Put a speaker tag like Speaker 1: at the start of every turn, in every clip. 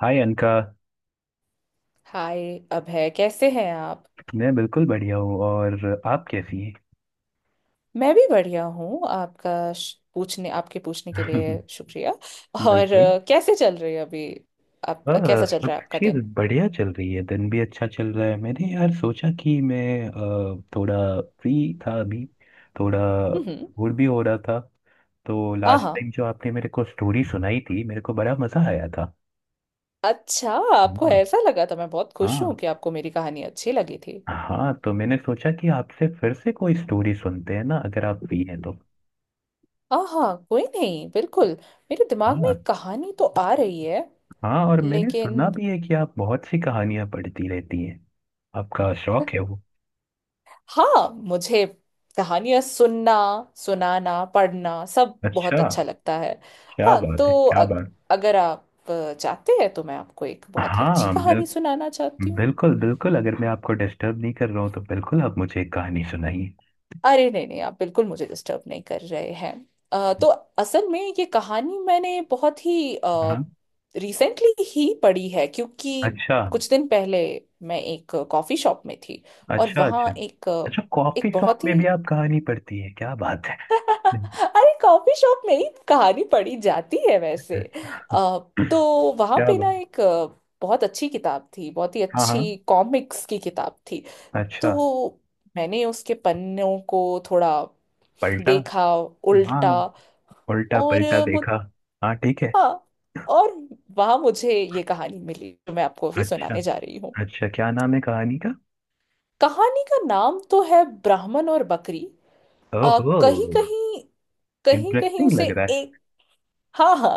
Speaker 1: हाय अनका।
Speaker 2: हाय अभय। कैसे हैं आप।
Speaker 1: मैं बिल्कुल बढ़िया हूँ और आप कैसी हैं?
Speaker 2: मैं भी बढ़िया हूँ, आपका श- पूछने आपके पूछने के लिए शुक्रिया। और
Speaker 1: बिल्कुल।
Speaker 2: कैसे चल रही है अभी। आप, कैसा
Speaker 1: बस
Speaker 2: चल
Speaker 1: सब
Speaker 2: रहा है आपका
Speaker 1: चीज़
Speaker 2: दिन।
Speaker 1: बढ़िया चल रही है, दिन भी अच्छा चल रहा है। मैंने यार सोचा कि मैं थोड़ा फ्री था अभी, थोड़ा
Speaker 2: हम्म, हम्म।
Speaker 1: बोर भी हो रहा था। तो
Speaker 2: हाँ,
Speaker 1: लास्ट
Speaker 2: हाँ।
Speaker 1: टाइम जो आपने मेरे को स्टोरी सुनाई थी मेरे को बड़ा मज़ा आया था।
Speaker 2: अच्छा, आपको
Speaker 1: हम्म।
Speaker 2: ऐसा लगा था। मैं बहुत खुश हूँ
Speaker 1: हाँ।
Speaker 2: कि आपको मेरी कहानी अच्छी लगी थी।
Speaker 1: हाँ तो मैंने सोचा कि आपसे फिर से कोई स्टोरी सुनते हैं ना, अगर आप फ्री हैं तो।
Speaker 2: हाँ, हाँ, कोई नहीं, बिल्कुल। मेरे दिमाग में एक
Speaker 1: हाँ,
Speaker 2: कहानी तो आ रही है।
Speaker 1: हाँ। और मैंने सुना
Speaker 2: लेकिन
Speaker 1: भी है कि आप बहुत सी कहानियां पढ़ती रहती हैं, आपका शौक है वो।
Speaker 2: हाँ, मुझे कहानियां सुनना, सुनाना, पढ़ना सब बहुत
Speaker 1: अच्छा।
Speaker 2: अच्छा लगता है।
Speaker 1: क्या
Speaker 2: हाँ
Speaker 1: बात है,
Speaker 2: तो
Speaker 1: क्या बात।
Speaker 2: अगर आप चाहते हैं तो मैं आपको एक बहुत ही अच्छी
Speaker 1: हाँ
Speaker 2: कहानी सुनाना चाहती हूँ।
Speaker 1: बिल्कुल बिल्कुल, अगर मैं आपको डिस्टर्ब नहीं कर रहा हूँ तो बिल्कुल आप मुझे एक कहानी सुनाइए।
Speaker 2: अरे नहीं, नहीं, आप बिल्कुल मुझे डिस्टर्ब नहीं कर रहे हैं। तो असल में ये कहानी मैंने बहुत ही
Speaker 1: हाँ।
Speaker 2: रिसेंटली ही पढ़ी है, क्योंकि
Speaker 1: अच्छा
Speaker 2: कुछ दिन पहले मैं एक कॉफ़ी शॉप में थी। और
Speaker 1: अच्छा। अच्छा
Speaker 2: वहाँ एक
Speaker 1: अच्छा कॉफी
Speaker 2: एक
Speaker 1: शॉप
Speaker 2: बहुत ही।
Speaker 1: में भी आप कहानी पढ़ती है, क्या बात है।
Speaker 2: अरे कॉफी शॉप में ही तो कहानी पढ़ी जाती है वैसे। अ, तो वहां
Speaker 1: क्या
Speaker 2: पे ना
Speaker 1: बात।
Speaker 2: एक बहुत अच्छी किताब थी, बहुत ही
Speaker 1: हाँ हाँ।
Speaker 2: अच्छी कॉमिक्स की किताब थी।
Speaker 1: अच्छा।
Speaker 2: तो मैंने उसके पन्नों को थोड़ा
Speaker 1: पलटा।
Speaker 2: देखा,
Speaker 1: हाँ।
Speaker 2: उल्टा।
Speaker 1: उल्टा
Speaker 2: और
Speaker 1: पलटा देखा। हाँ, ठीक है।
Speaker 2: हाँ। और वहां मुझे ये कहानी मिली जो मैं आपको अभी
Speaker 1: अच्छा।
Speaker 2: सुनाने जा रही हूँ।
Speaker 1: अच्छा क्या नाम है कहानी का?
Speaker 2: कहानी का नाम तो है ब्राह्मण और बकरी। आ,
Speaker 1: ओहो।
Speaker 2: कहीं कहीं कहीं कहीं
Speaker 1: इंटरेस्टिंग
Speaker 2: उसे।
Speaker 1: लग रहा है।
Speaker 2: हाँ, हाँ।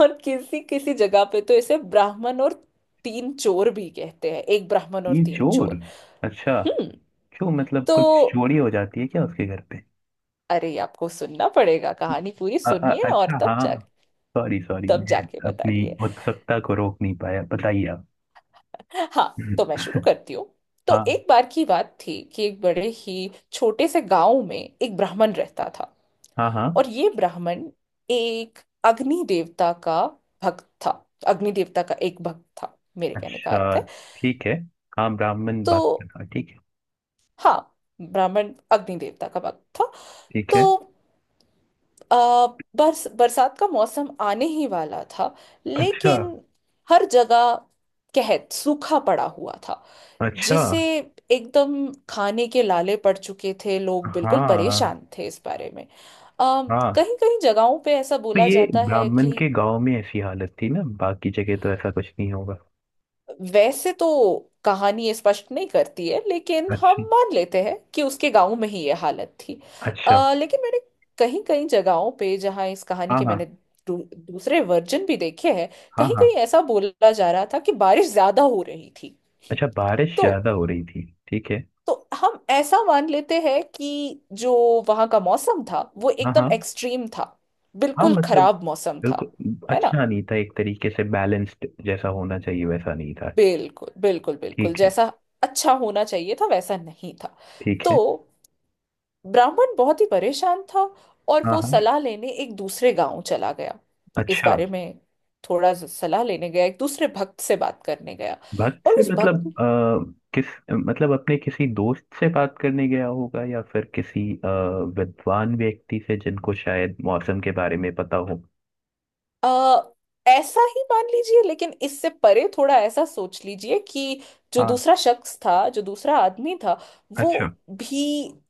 Speaker 2: और किसी किसी जगह पे तो इसे ब्राह्मण और तीन चोर भी कहते हैं, एक ब्राह्मण और
Speaker 1: ये
Speaker 2: तीन
Speaker 1: चोर।
Speaker 2: चोर।
Speaker 1: अच्छा
Speaker 2: हम्म।
Speaker 1: क्यों, मतलब
Speaker 2: तो
Speaker 1: कुछ चोरी हो जाती है क्या उसके घर पे?
Speaker 2: अरे आपको सुनना पड़ेगा, कहानी पूरी सुनिए और
Speaker 1: अच्छा हाँ। सॉरी सॉरी,
Speaker 2: तब
Speaker 1: मैं
Speaker 2: जाके
Speaker 1: अपनी
Speaker 2: बताइए।
Speaker 1: उत्सुकता को रोक नहीं पाया, बताइए आप।
Speaker 2: हाँ तो मैं
Speaker 1: हम्म।
Speaker 2: शुरू करती हूँ। तो
Speaker 1: हाँ
Speaker 2: एक बार की बात थी कि एक बड़े ही छोटे से गांव में एक ब्राह्मण रहता था।
Speaker 1: हाँ हाँ।
Speaker 2: और ये ब्राह्मण एक अग्नि देवता का भक्त था, अग्नि देवता का एक भक्त था, मेरे कहने का अर्थ
Speaker 1: अच्छा।
Speaker 2: है।
Speaker 1: ठीक है। हाँ ब्राह्मण
Speaker 2: तो
Speaker 1: बात कर रहा है, ठीक है।
Speaker 2: हाँ, ब्राह्मण अग्नि देवता का भक्त था।
Speaker 1: ठीक
Speaker 2: तो
Speaker 1: है।
Speaker 2: आ, बरस बरसात का मौसम आने ही वाला था।
Speaker 1: अच्छा
Speaker 2: लेकिन हर जगह कहत सूखा पड़ा हुआ था,
Speaker 1: अच्छा।
Speaker 2: जिसे एकदम खाने के लाले पड़ चुके थे, लोग बिल्कुल
Speaker 1: हाँ
Speaker 2: परेशान थे इस बारे में। आ,
Speaker 1: हाँ।
Speaker 2: कहीं कहीं जगहों पे ऐसा
Speaker 1: तो
Speaker 2: बोला
Speaker 1: ये
Speaker 2: जाता है
Speaker 1: ब्राह्मण
Speaker 2: कि,
Speaker 1: के गांव में ऐसी हालत थी ना, बाकी जगह तो ऐसा कुछ नहीं होगा?
Speaker 2: वैसे तो कहानी ये स्पष्ट नहीं करती है, लेकिन हम
Speaker 1: अच्छा
Speaker 2: मान लेते हैं कि उसके गांव में ही ये हालत थी।
Speaker 1: अच्छा।
Speaker 2: लेकिन मैंने कहीं कहीं जगहों पे जहाँ इस कहानी
Speaker 1: हाँ
Speaker 2: के
Speaker 1: हाँ।
Speaker 2: मैंने दूसरे वर्जन भी देखे हैं,
Speaker 1: हाँ
Speaker 2: कहीं
Speaker 1: हाँ।
Speaker 2: कहीं ऐसा बोला जा रहा था कि बारिश ज्यादा हो रही थी।
Speaker 1: अच्छा बारिश
Speaker 2: तो
Speaker 1: ज्यादा हो रही थी। ठीक है।
Speaker 2: तो हम ऐसा मान लेते हैं कि जो वहाँ का मौसम था वो
Speaker 1: हाँ
Speaker 2: एकदम
Speaker 1: हाँ।
Speaker 2: एक्सट्रीम था,
Speaker 1: हाँ
Speaker 2: बिल्कुल
Speaker 1: मतलब
Speaker 2: खराब मौसम था।
Speaker 1: बिल्कुल
Speaker 2: है ना,
Speaker 1: अच्छा नहीं था, एक तरीके से बैलेंस्ड जैसा होना चाहिए वैसा नहीं था।
Speaker 2: बिल्कुल, बिल्कुल, बिल्कुल,
Speaker 1: ठीक है।
Speaker 2: जैसा अच्छा होना चाहिए था वैसा नहीं था।
Speaker 1: ठीक
Speaker 2: तो
Speaker 1: है।
Speaker 2: ब्राह्मण बहुत ही परेशान था और
Speaker 1: हाँ
Speaker 2: वो
Speaker 1: हाँ।
Speaker 2: सलाह लेने एक दूसरे गांव चला गया, इस
Speaker 1: अच्छा।
Speaker 2: बारे में थोड़ा सा सलाह लेने गया, एक दूसरे भक्त से बात करने गया।
Speaker 1: भक्त
Speaker 2: और
Speaker 1: से
Speaker 2: उस
Speaker 1: मतलब
Speaker 2: भक्त,
Speaker 1: किस, मतलब अपने किसी दोस्त से बात करने गया होगा या फिर किसी विद्वान व्यक्ति से जिनको शायद मौसम के बारे में पता हो।
Speaker 2: अ, ऐसा ही मान लीजिए, लेकिन इससे परे थोड़ा ऐसा सोच लीजिए कि जो
Speaker 1: हाँ।
Speaker 2: दूसरा शख्स था, जो दूसरा आदमी था, वो
Speaker 1: अच्छा।
Speaker 2: भी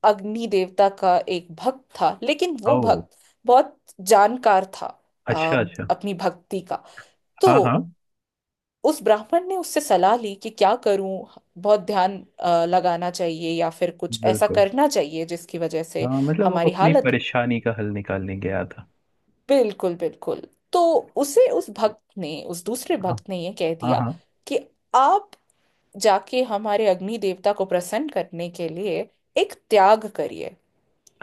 Speaker 2: अग्नि देवता का एक भक्त था, लेकिन वो
Speaker 1: ओ।
Speaker 2: भक्त बहुत जानकार था,
Speaker 1: अच्छा अच्छा।
Speaker 2: अपनी भक्ति का। तो
Speaker 1: हाँ हाँ।
Speaker 2: उस ब्राह्मण ने उससे सलाह ली कि क्या करूं, बहुत ध्यान लगाना चाहिए या फिर कुछ ऐसा
Speaker 1: बिल्कुल।
Speaker 2: करना चाहिए जिसकी वजह से
Speaker 1: हाँ मतलब वो
Speaker 2: हमारी
Speaker 1: अपनी
Speaker 2: हालत।
Speaker 1: परेशानी का हल निकालने गया था।
Speaker 2: बिल्कुल, बिल्कुल। तो उसे उस भक्त ने, उस दूसरे
Speaker 1: हाँ
Speaker 2: भक्त ने ये कह
Speaker 1: हाँ
Speaker 2: दिया
Speaker 1: हाँ।
Speaker 2: कि आप जाके हमारे अग्नि देवता को प्रसन्न करने के लिए एक त्याग करिए।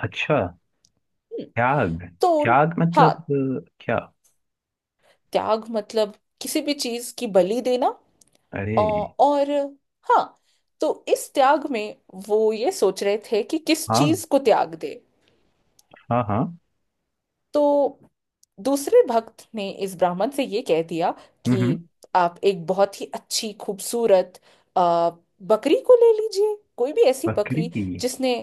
Speaker 1: अच्छा।
Speaker 2: हम्म।
Speaker 1: त्याग।
Speaker 2: तो
Speaker 1: त्याग
Speaker 2: हाँ,
Speaker 1: मतलब क्या?
Speaker 2: त्याग मतलब किसी भी चीज की बलि देना,
Speaker 1: अरे।
Speaker 2: और हाँ। तो इस त्याग में वो ये सोच रहे थे कि किस
Speaker 1: हाँ।
Speaker 2: चीज को त्याग दे।
Speaker 1: हाँ हाँ।
Speaker 2: तो दूसरे भक्त ने इस ब्राह्मण से ये कह दिया
Speaker 1: हम्म,
Speaker 2: कि
Speaker 1: हम्म।
Speaker 2: आप एक बहुत ही अच्छी, खूबसूरत आ, बकरी को ले लीजिए, कोई भी ऐसी
Speaker 1: बकरी।
Speaker 2: बकरी जिसने,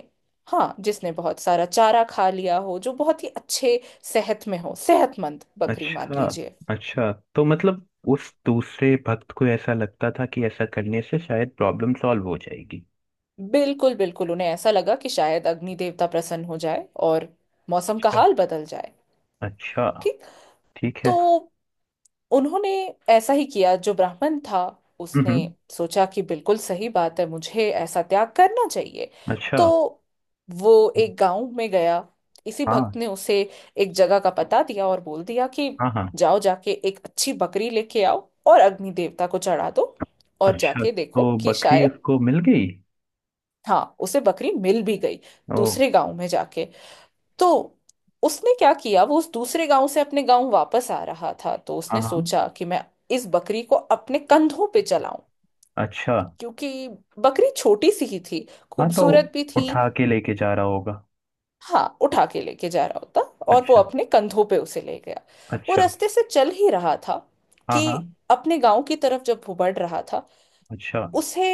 Speaker 2: हाँ, जिसने बहुत सारा चारा खा लिया हो, जो बहुत ही अच्छे सेहत में हो, सेहतमंद बकरी, मान
Speaker 1: अच्छा
Speaker 2: लीजिए।
Speaker 1: अच्छा, तो मतलब उस दूसरे भक्त को ऐसा लगता था कि ऐसा करने से शायद प्रॉब्लम सॉल्व हो जाएगी।
Speaker 2: बिल्कुल, बिल्कुल, उन्हें ऐसा लगा कि शायद अग्नि देवता प्रसन्न हो जाए और मौसम का
Speaker 1: अच्छा।
Speaker 2: हाल बदल जाए।
Speaker 1: अच्छा,
Speaker 2: ठीक।
Speaker 1: ठीक
Speaker 2: तो
Speaker 1: है।
Speaker 2: उन्होंने ऐसा ही किया, जो ब्राह्मण था
Speaker 1: हम्म,
Speaker 2: उसने
Speaker 1: हम्म।
Speaker 2: सोचा कि बिल्कुल सही बात है, मुझे ऐसा त्याग करना चाहिए।
Speaker 1: अच्छा।
Speaker 2: तो वो एक गांव में गया, इसी भक्त
Speaker 1: हाँ
Speaker 2: ने उसे एक जगह का पता दिया और बोल दिया कि
Speaker 1: हाँ हाँ।
Speaker 2: जाओ, जाके एक अच्छी बकरी लेके आओ और अग्नि देवता को चढ़ा दो और
Speaker 1: अच्छा
Speaker 2: जाके देखो
Speaker 1: तो
Speaker 2: कि
Speaker 1: बकरी
Speaker 2: शायद।
Speaker 1: उसको मिल गई।
Speaker 2: हाँ, उसे बकरी मिल भी गई,
Speaker 1: ओ।
Speaker 2: दूसरे गांव में जाके। तो उसने क्या किया, वो उस दूसरे गांव से अपने गांव वापस आ रहा था, तो
Speaker 1: हाँ
Speaker 2: उसने
Speaker 1: हाँ।
Speaker 2: सोचा कि मैं इस बकरी को अपने कंधों पे चलाऊं,
Speaker 1: अच्छा।
Speaker 2: क्योंकि बकरी छोटी सी ही थी,
Speaker 1: हाँ तो
Speaker 2: खूबसूरत भी थी।
Speaker 1: उठा के लेके जा रहा होगा।
Speaker 2: हाँ, उठा के लेके जा रहा होता, और वो
Speaker 1: अच्छा
Speaker 2: अपने कंधों पे उसे ले गया। वो
Speaker 1: अच्छा।
Speaker 2: रास्ते से चल ही रहा था
Speaker 1: हाँ
Speaker 2: कि
Speaker 1: हाँ।
Speaker 2: अपने गांव की तरफ जब वो बढ़ रहा था,
Speaker 1: अच्छा
Speaker 2: उसे,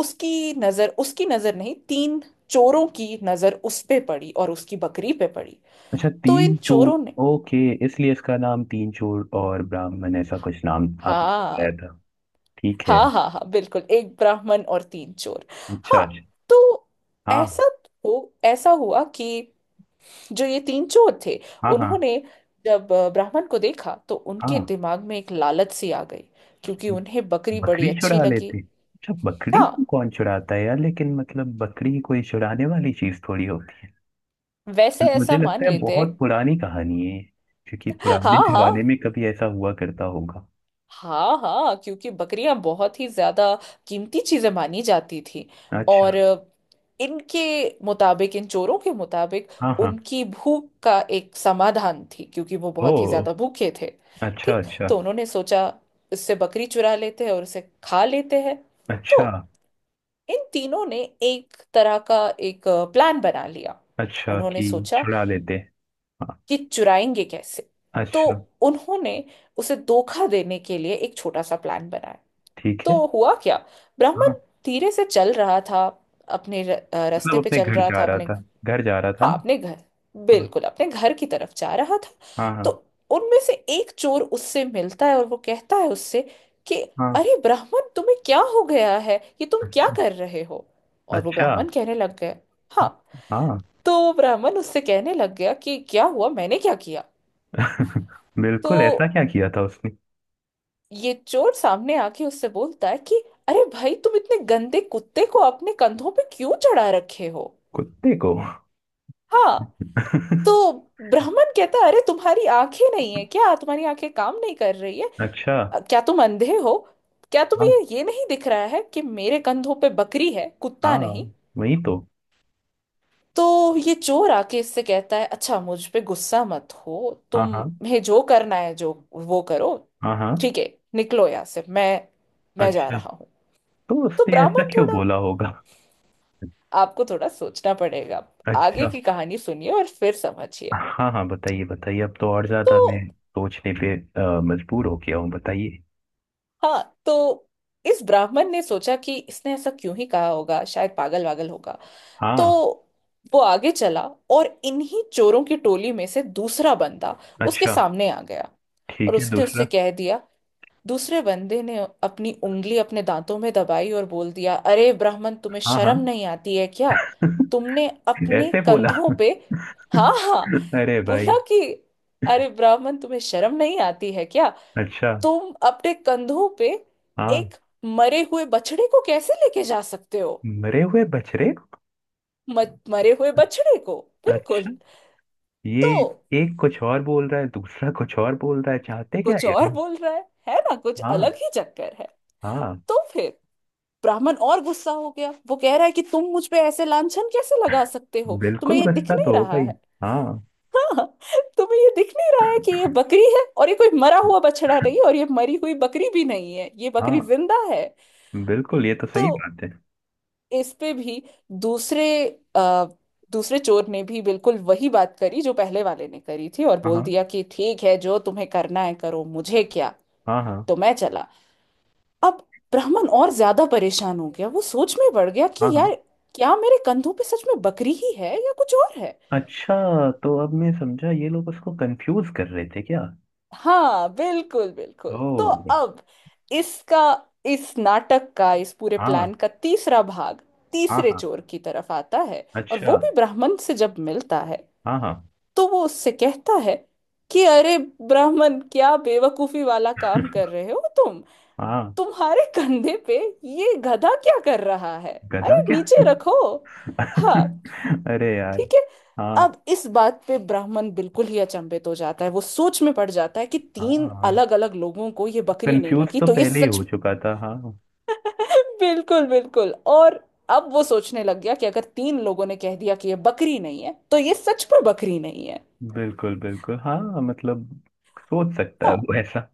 Speaker 2: उसकी नजर, उसकी नजर नहीं, तीन चोरों की नजर उस पे पड़ी और उसकी बकरी पे पड़ी।
Speaker 1: अच्छा
Speaker 2: तो इन
Speaker 1: तीन चूर।
Speaker 2: चोरों ने,
Speaker 1: ओके। इसलिए इसका नाम तीन चूर और ब्राह्मण, ऐसा कुछ नाम आपने
Speaker 2: हाँ,
Speaker 1: बताया था। ठीक है।
Speaker 2: हाँ, हाँ, हाँ, बिल्कुल, एक ब्राह्मण और तीन चोर।
Speaker 1: अच्छा
Speaker 2: हाँ
Speaker 1: अच्छा।
Speaker 2: तो
Speaker 1: हाँ।
Speaker 2: ऐसा हो ऐसा हुआ कि जो ये तीन चोर थे,
Speaker 1: हाँ हाँ
Speaker 2: उन्होंने जब ब्राह्मण को देखा तो उनके
Speaker 1: हाँ।
Speaker 2: दिमाग में एक लालच सी आ गई, क्योंकि उन्हें बकरी
Speaker 1: बकरी
Speaker 2: बड़ी अच्छी
Speaker 1: चुरा
Speaker 2: लगी।
Speaker 1: लेते? अच्छा बकरी
Speaker 2: हाँ,
Speaker 1: को कौन चुराता है यार, लेकिन मतलब बकरी कोई चुराने वाली चीज थोड़ी होती है।
Speaker 2: वैसे
Speaker 1: मुझे
Speaker 2: ऐसा
Speaker 1: लगता
Speaker 2: मान
Speaker 1: है
Speaker 2: लेते हैं।
Speaker 1: बहुत पुरानी कहानी है ये, क्योंकि पुराने
Speaker 2: हाँ, हाँ।
Speaker 1: जमाने में कभी ऐसा हुआ करता होगा।
Speaker 2: हाँ, हाँ, क्योंकि बकरियां बहुत ही ज्यादा कीमती चीजें मानी जाती थी।
Speaker 1: अच्छा।
Speaker 2: और इनके मुताबिक, इन चोरों के मुताबिक,
Speaker 1: हाँ हाँ।
Speaker 2: उनकी भूख का एक समाधान थी, क्योंकि वो
Speaker 1: ओ।
Speaker 2: बहुत ही ज्यादा भूखे थे।
Speaker 1: अच्छा
Speaker 2: ठीक।
Speaker 1: अच्छा।
Speaker 2: तो उन्होंने सोचा इससे बकरी चुरा लेते हैं और उसे खा लेते हैं। तो
Speaker 1: अच्छा
Speaker 2: इन तीनों ने एक तरह का एक प्लान बना लिया।
Speaker 1: अच्छा
Speaker 2: उन्होंने
Speaker 1: कि
Speaker 2: सोचा
Speaker 1: चुरा लेते। हाँ।
Speaker 2: कि चुराएंगे कैसे। तो
Speaker 1: अच्छा।
Speaker 2: उन्होंने उसे धोखा देने के लिए एक छोटा सा प्लान बनाया।
Speaker 1: ठीक है।
Speaker 2: तो हुआ क्या, ब्राह्मण
Speaker 1: हाँ
Speaker 2: धीरे से चल रहा था, अपने रास्ते
Speaker 1: मतलब
Speaker 2: पे
Speaker 1: अपने
Speaker 2: चल
Speaker 1: घर
Speaker 2: रहा
Speaker 1: जा
Speaker 2: था
Speaker 1: रहा
Speaker 2: अपने,
Speaker 1: था, घर जा रहा था
Speaker 2: हाँ,
Speaker 1: ना?
Speaker 2: अपने घर, बिल्कुल अपने घर की तरफ जा रहा था।
Speaker 1: हाँ हाँ
Speaker 2: तो
Speaker 1: हाँ।
Speaker 2: उनमें से एक चोर उससे मिलता है और वो कहता है उससे कि
Speaker 1: हाँ।
Speaker 2: अरे ब्राह्मण, तुम्हें क्या हो गया है, ये तुम क्या
Speaker 1: अच्छा।
Speaker 2: कर रहे हो? और वो
Speaker 1: अच्छा।
Speaker 2: ब्राह्मण कहने लग गए, हाँ,
Speaker 1: हाँ।
Speaker 2: तो वो ब्राह्मण उससे कहने लग गया कि क्या हुआ, मैंने क्या किया? तो
Speaker 1: बिल्कुल, ऐसा क्या किया था उसने?
Speaker 2: ये चोर सामने आके उससे बोलता है कि अरे भाई, तुम इतने गंदे कुत्ते को अपने कंधों पे क्यों चढ़ा रखे हो?
Speaker 1: कुत्ते को?
Speaker 2: हाँ। तो ब्राह्मण कहता है, अरे तुम्हारी आंखें नहीं है क्या, तुम्हारी आंखें काम नहीं कर रही है?
Speaker 1: अच्छा।
Speaker 2: क्या तुम अंधे हो, क्या
Speaker 1: हाँ।
Speaker 2: तुम्हें ये नहीं दिख रहा है कि मेरे कंधों पे बकरी है, कुत्ता
Speaker 1: हाँ
Speaker 2: नहीं।
Speaker 1: वही तो।
Speaker 2: तो ये चोर आके इससे कहता है, अच्छा मुझ पे गुस्सा मत हो,
Speaker 1: हाँ हाँ।
Speaker 2: तुम्हें जो करना है जो वो करो,
Speaker 1: हाँ हाँ।
Speaker 2: ठीक है, निकलो यहाँ से, मैं जा
Speaker 1: अच्छा
Speaker 2: रहा हूँ।
Speaker 1: तो
Speaker 2: तो
Speaker 1: उसने ऐसा
Speaker 2: ब्राह्मण
Speaker 1: क्यों
Speaker 2: थोड़ा,
Speaker 1: बोला होगा?
Speaker 2: आपको थोड़ा सोचना पड़ेगा, आगे
Speaker 1: अच्छा।
Speaker 2: की कहानी सुनिए और फिर समझिए।
Speaker 1: हाँ हाँ बताइए बताइए, अब तो और
Speaker 2: तो
Speaker 1: ज्यादा मैं सोचने पे मजबूर हो गया हूँ, बताइए।
Speaker 2: हाँ, तो इस ब्राह्मण ने सोचा कि इसने ऐसा क्यों ही कहा होगा, शायद पागल वागल होगा। तो
Speaker 1: हाँ।
Speaker 2: वो आगे चला, और इन्हीं चोरों की टोली में से दूसरा बंदा उसके
Speaker 1: अच्छा।
Speaker 2: सामने आ गया। और
Speaker 1: ठीक है
Speaker 2: उसने उससे
Speaker 1: दूसरा।
Speaker 2: कह दिया, दूसरे बंदे ने अपनी उंगली अपने दांतों में दबाई और बोल दिया, अरे ब्राह्मण तुम्हें
Speaker 1: हाँ
Speaker 2: शर्म
Speaker 1: हाँ।
Speaker 2: नहीं आती है क्या, तुमने अपने
Speaker 1: ऐसे बोला।
Speaker 2: कंधों पे, हाँ, हाँ,
Speaker 1: अरे भाई।
Speaker 2: बोला कि अरे ब्राह्मण तुम्हें शर्म नहीं आती है क्या,
Speaker 1: अच्छा।
Speaker 2: तुम अपने कंधों पे
Speaker 1: हाँ।
Speaker 2: एक मरे हुए बछड़े को कैसे लेके जा सकते हो?
Speaker 1: मरे हुए बछड़े को?
Speaker 2: मरे हुए बछड़े को,
Speaker 1: अच्छा।
Speaker 2: बिल्कुल।
Speaker 1: ये
Speaker 2: तो
Speaker 1: एक कुछ और बोल रहा है, दूसरा कुछ और बोल रहा है, चाहते क्या
Speaker 2: कुछ
Speaker 1: ये?
Speaker 2: और बोल रहा है ना, कुछ
Speaker 1: हाँ।
Speaker 2: अलग ही चक्कर है।
Speaker 1: हाँ।
Speaker 2: तो फिर ब्राह्मण और गुस्सा हो गया, वो कह रहा है कि तुम मुझ पे ऐसे लांछन कैसे लगा सकते हो, तुम्हें
Speaker 1: बिल्कुल
Speaker 2: ये दिख
Speaker 1: गुस्सा
Speaker 2: नहीं
Speaker 1: तो होगा
Speaker 2: रहा
Speaker 1: ही।
Speaker 2: है?
Speaker 1: हाँ।
Speaker 2: हाँ, तुम्हें ये दिख नहीं रहा है कि ये बकरी है और ये कोई मरा हुआ बछड़ा नहीं है और ये मरी हुई बकरी भी नहीं है, ये
Speaker 1: हाँ
Speaker 2: बकरी जिंदा है।
Speaker 1: बिल्कुल ये तो
Speaker 2: तो
Speaker 1: सही बात है।
Speaker 2: इस पे भी दूसरे आ, दूसरे चोर ने भी बिल्कुल वही बात करी जो पहले वाले ने करी थी और बोल
Speaker 1: हाँ
Speaker 2: दिया कि ठीक है, जो तुम्हें करना है करो, मुझे क्या,
Speaker 1: हाँ हाँ।
Speaker 2: तो मैं चला। अब ब्राह्मण और ज्यादा परेशान हो गया, वो सोच में पड़ गया
Speaker 1: हाँ
Speaker 2: कि
Speaker 1: हाँ हाँ।
Speaker 2: यार, क्या मेरे कंधों पे सच में बकरी ही है या कुछ और है?
Speaker 1: अच्छा तो अब मैं समझा, ये लोग उसको कंफ्यूज कर रहे थे क्या?
Speaker 2: हाँ, बिल्कुल, बिल्कुल।
Speaker 1: ओ।
Speaker 2: तो अब इसका, इस नाटक का, इस पूरे
Speaker 1: हाँ
Speaker 2: प्लान का तीसरा भाग
Speaker 1: हाँ
Speaker 2: तीसरे
Speaker 1: हाँ।
Speaker 2: चोर की तरफ आता है। और
Speaker 1: अच्छा।
Speaker 2: वो भी ब्राह्मण से जब मिलता है
Speaker 1: हाँ हाँ।
Speaker 2: तो वो उससे कहता है कि अरे ब्राह्मण, क्या बेवकूफी वाला काम कर रहे हो तुम,
Speaker 1: हाँ।
Speaker 2: तुम्हारे कंधे पे ये गधा क्या कर रहा है,
Speaker 1: गधा
Speaker 2: अरे
Speaker 1: क्या?
Speaker 2: नीचे रखो। हाँ,
Speaker 1: अरे यार।
Speaker 2: ठीक है।
Speaker 1: हाँ।
Speaker 2: अब इस बात पे ब्राह्मण बिल्कुल ही अचंभित हो जाता है, वो सोच में पड़ जाता है कि तीन
Speaker 1: हाँ
Speaker 2: अलग अलग लोगों को ये बकरी नहीं
Speaker 1: कंफ्यूज
Speaker 2: लगी
Speaker 1: तो
Speaker 2: तो ये
Speaker 1: पहले ही
Speaker 2: सच।
Speaker 1: हो चुका था, हाँ।
Speaker 2: बिल्कुल, बिल्कुल। और अब वो सोचने लग गया कि अगर तीन लोगों ने कह दिया कि ये बकरी नहीं है तो ये सच में बकरी नहीं है।
Speaker 1: बिल्कुल बिल्कुल, हाँ मतलब सोच सकता है
Speaker 2: हाँ,
Speaker 1: वो ऐसा।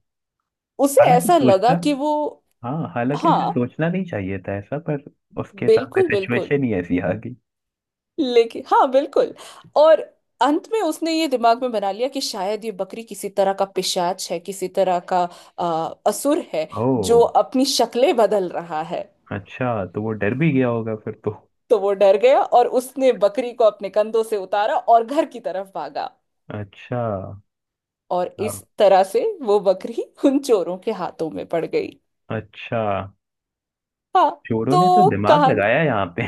Speaker 2: उसे
Speaker 1: हालांकि
Speaker 2: ऐसा लगा
Speaker 1: सोचना,
Speaker 2: कि वो,
Speaker 1: हाँ हालांकि उसे
Speaker 2: हाँ,
Speaker 1: सोचना नहीं चाहिए था ऐसा, पर उसके सामने
Speaker 2: बिल्कुल, बिल्कुल,
Speaker 1: सिचुएशन ही ऐसी आ गई।
Speaker 2: लेकिन हाँ, बिल्कुल। और अंत में उसने ये दिमाग में बना लिया कि शायद ये बकरी किसी तरह का पिशाच है, किसी तरह का असुर है, जो
Speaker 1: ओह।
Speaker 2: अपनी शक्लें बदल रहा है।
Speaker 1: अच्छा तो वो डर भी गया होगा फिर तो।
Speaker 2: तो वो डर गया और उसने बकरी को अपने कंधों से उतारा और घर की तरफ भागा।
Speaker 1: अच्छा।
Speaker 2: और
Speaker 1: अब-
Speaker 2: इस तरह से वो बकरी उन चोरों के हाथों में पड़ गई।
Speaker 1: अच्छा।
Speaker 2: हाँ,
Speaker 1: चोरों ने तो
Speaker 2: तो
Speaker 1: दिमाग
Speaker 2: कहानी,
Speaker 1: लगाया यहाँ पे।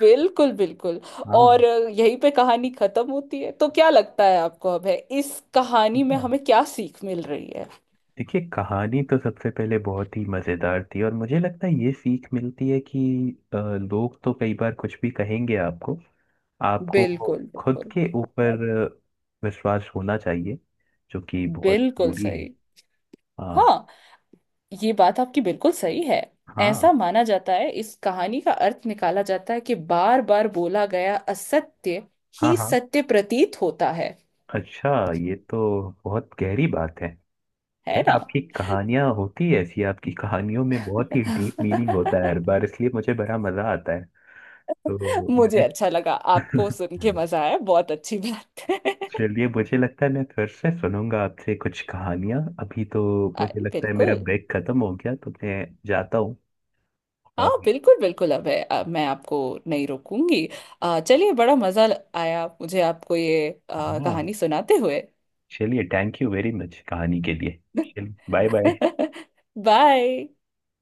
Speaker 2: बिल्कुल, बिल्कुल।
Speaker 1: हाँ
Speaker 2: और यहीं पे कहानी खत्म होती है, तो क्या लगता है आपको, अब है इस कहानी में
Speaker 1: हाँ।
Speaker 2: हमें क्या सीख मिल रही है?
Speaker 1: देखिए कहानी तो सबसे पहले बहुत ही मज़ेदार थी और मुझे लगता है ये सीख मिलती है कि लोग तो कई बार कुछ भी कहेंगे आपको। आपको
Speaker 2: बिल्कुल,
Speaker 1: खुद
Speaker 2: बिल्कुल,
Speaker 1: के ऊपर विश्वास होना चाहिए, जो कि बहुत
Speaker 2: बिल्कुल
Speaker 1: ज़रूरी है।
Speaker 2: सही।
Speaker 1: हाँ।
Speaker 2: हाँ, ये बात आपकी बिल्कुल सही है। ऐसा
Speaker 1: हाँ
Speaker 2: माना जाता है, इस कहानी का अर्थ निकाला जाता है कि बार बार बोला गया असत्य
Speaker 1: हाँ
Speaker 2: ही
Speaker 1: हाँ।
Speaker 2: सत्य प्रतीत होता है।
Speaker 1: अच्छा। ये तो बहुत गहरी बात है।
Speaker 2: है
Speaker 1: खैर
Speaker 2: ना।
Speaker 1: आपकी कहानियाँ होती है ऐसी, आपकी कहानियों में बहुत ही डीप मीनिंग होता है हर बार, इसलिए मुझे बड़ा मज़ा आता है। तो
Speaker 2: मुझे
Speaker 1: मुझे।
Speaker 2: अच्छा लगा, आपको सुन के मजा आया, बहुत अच्छी बात है।
Speaker 1: चलिए मुझे लगता है मैं फिर से सुनूंगा आपसे कुछ कहानियां। अभी तो
Speaker 2: आ,
Speaker 1: मुझे लगता है मेरा
Speaker 2: बिल्कुल।
Speaker 1: ब्रेक खत्म हो गया, तो मैं जाता हूँ।
Speaker 2: हाँ
Speaker 1: और
Speaker 2: बिल्कुल, बिल्कुल अब है, अब मैं आपको नहीं रोकूंगी। चलिए, बड़ा मजा आया मुझे आपको ये
Speaker 1: हाँ
Speaker 2: कहानी सुनाते हुए।
Speaker 1: चलिए, थैंक यू वेरी मच कहानी के लिए, चलिए बाय बाय।
Speaker 2: बाय।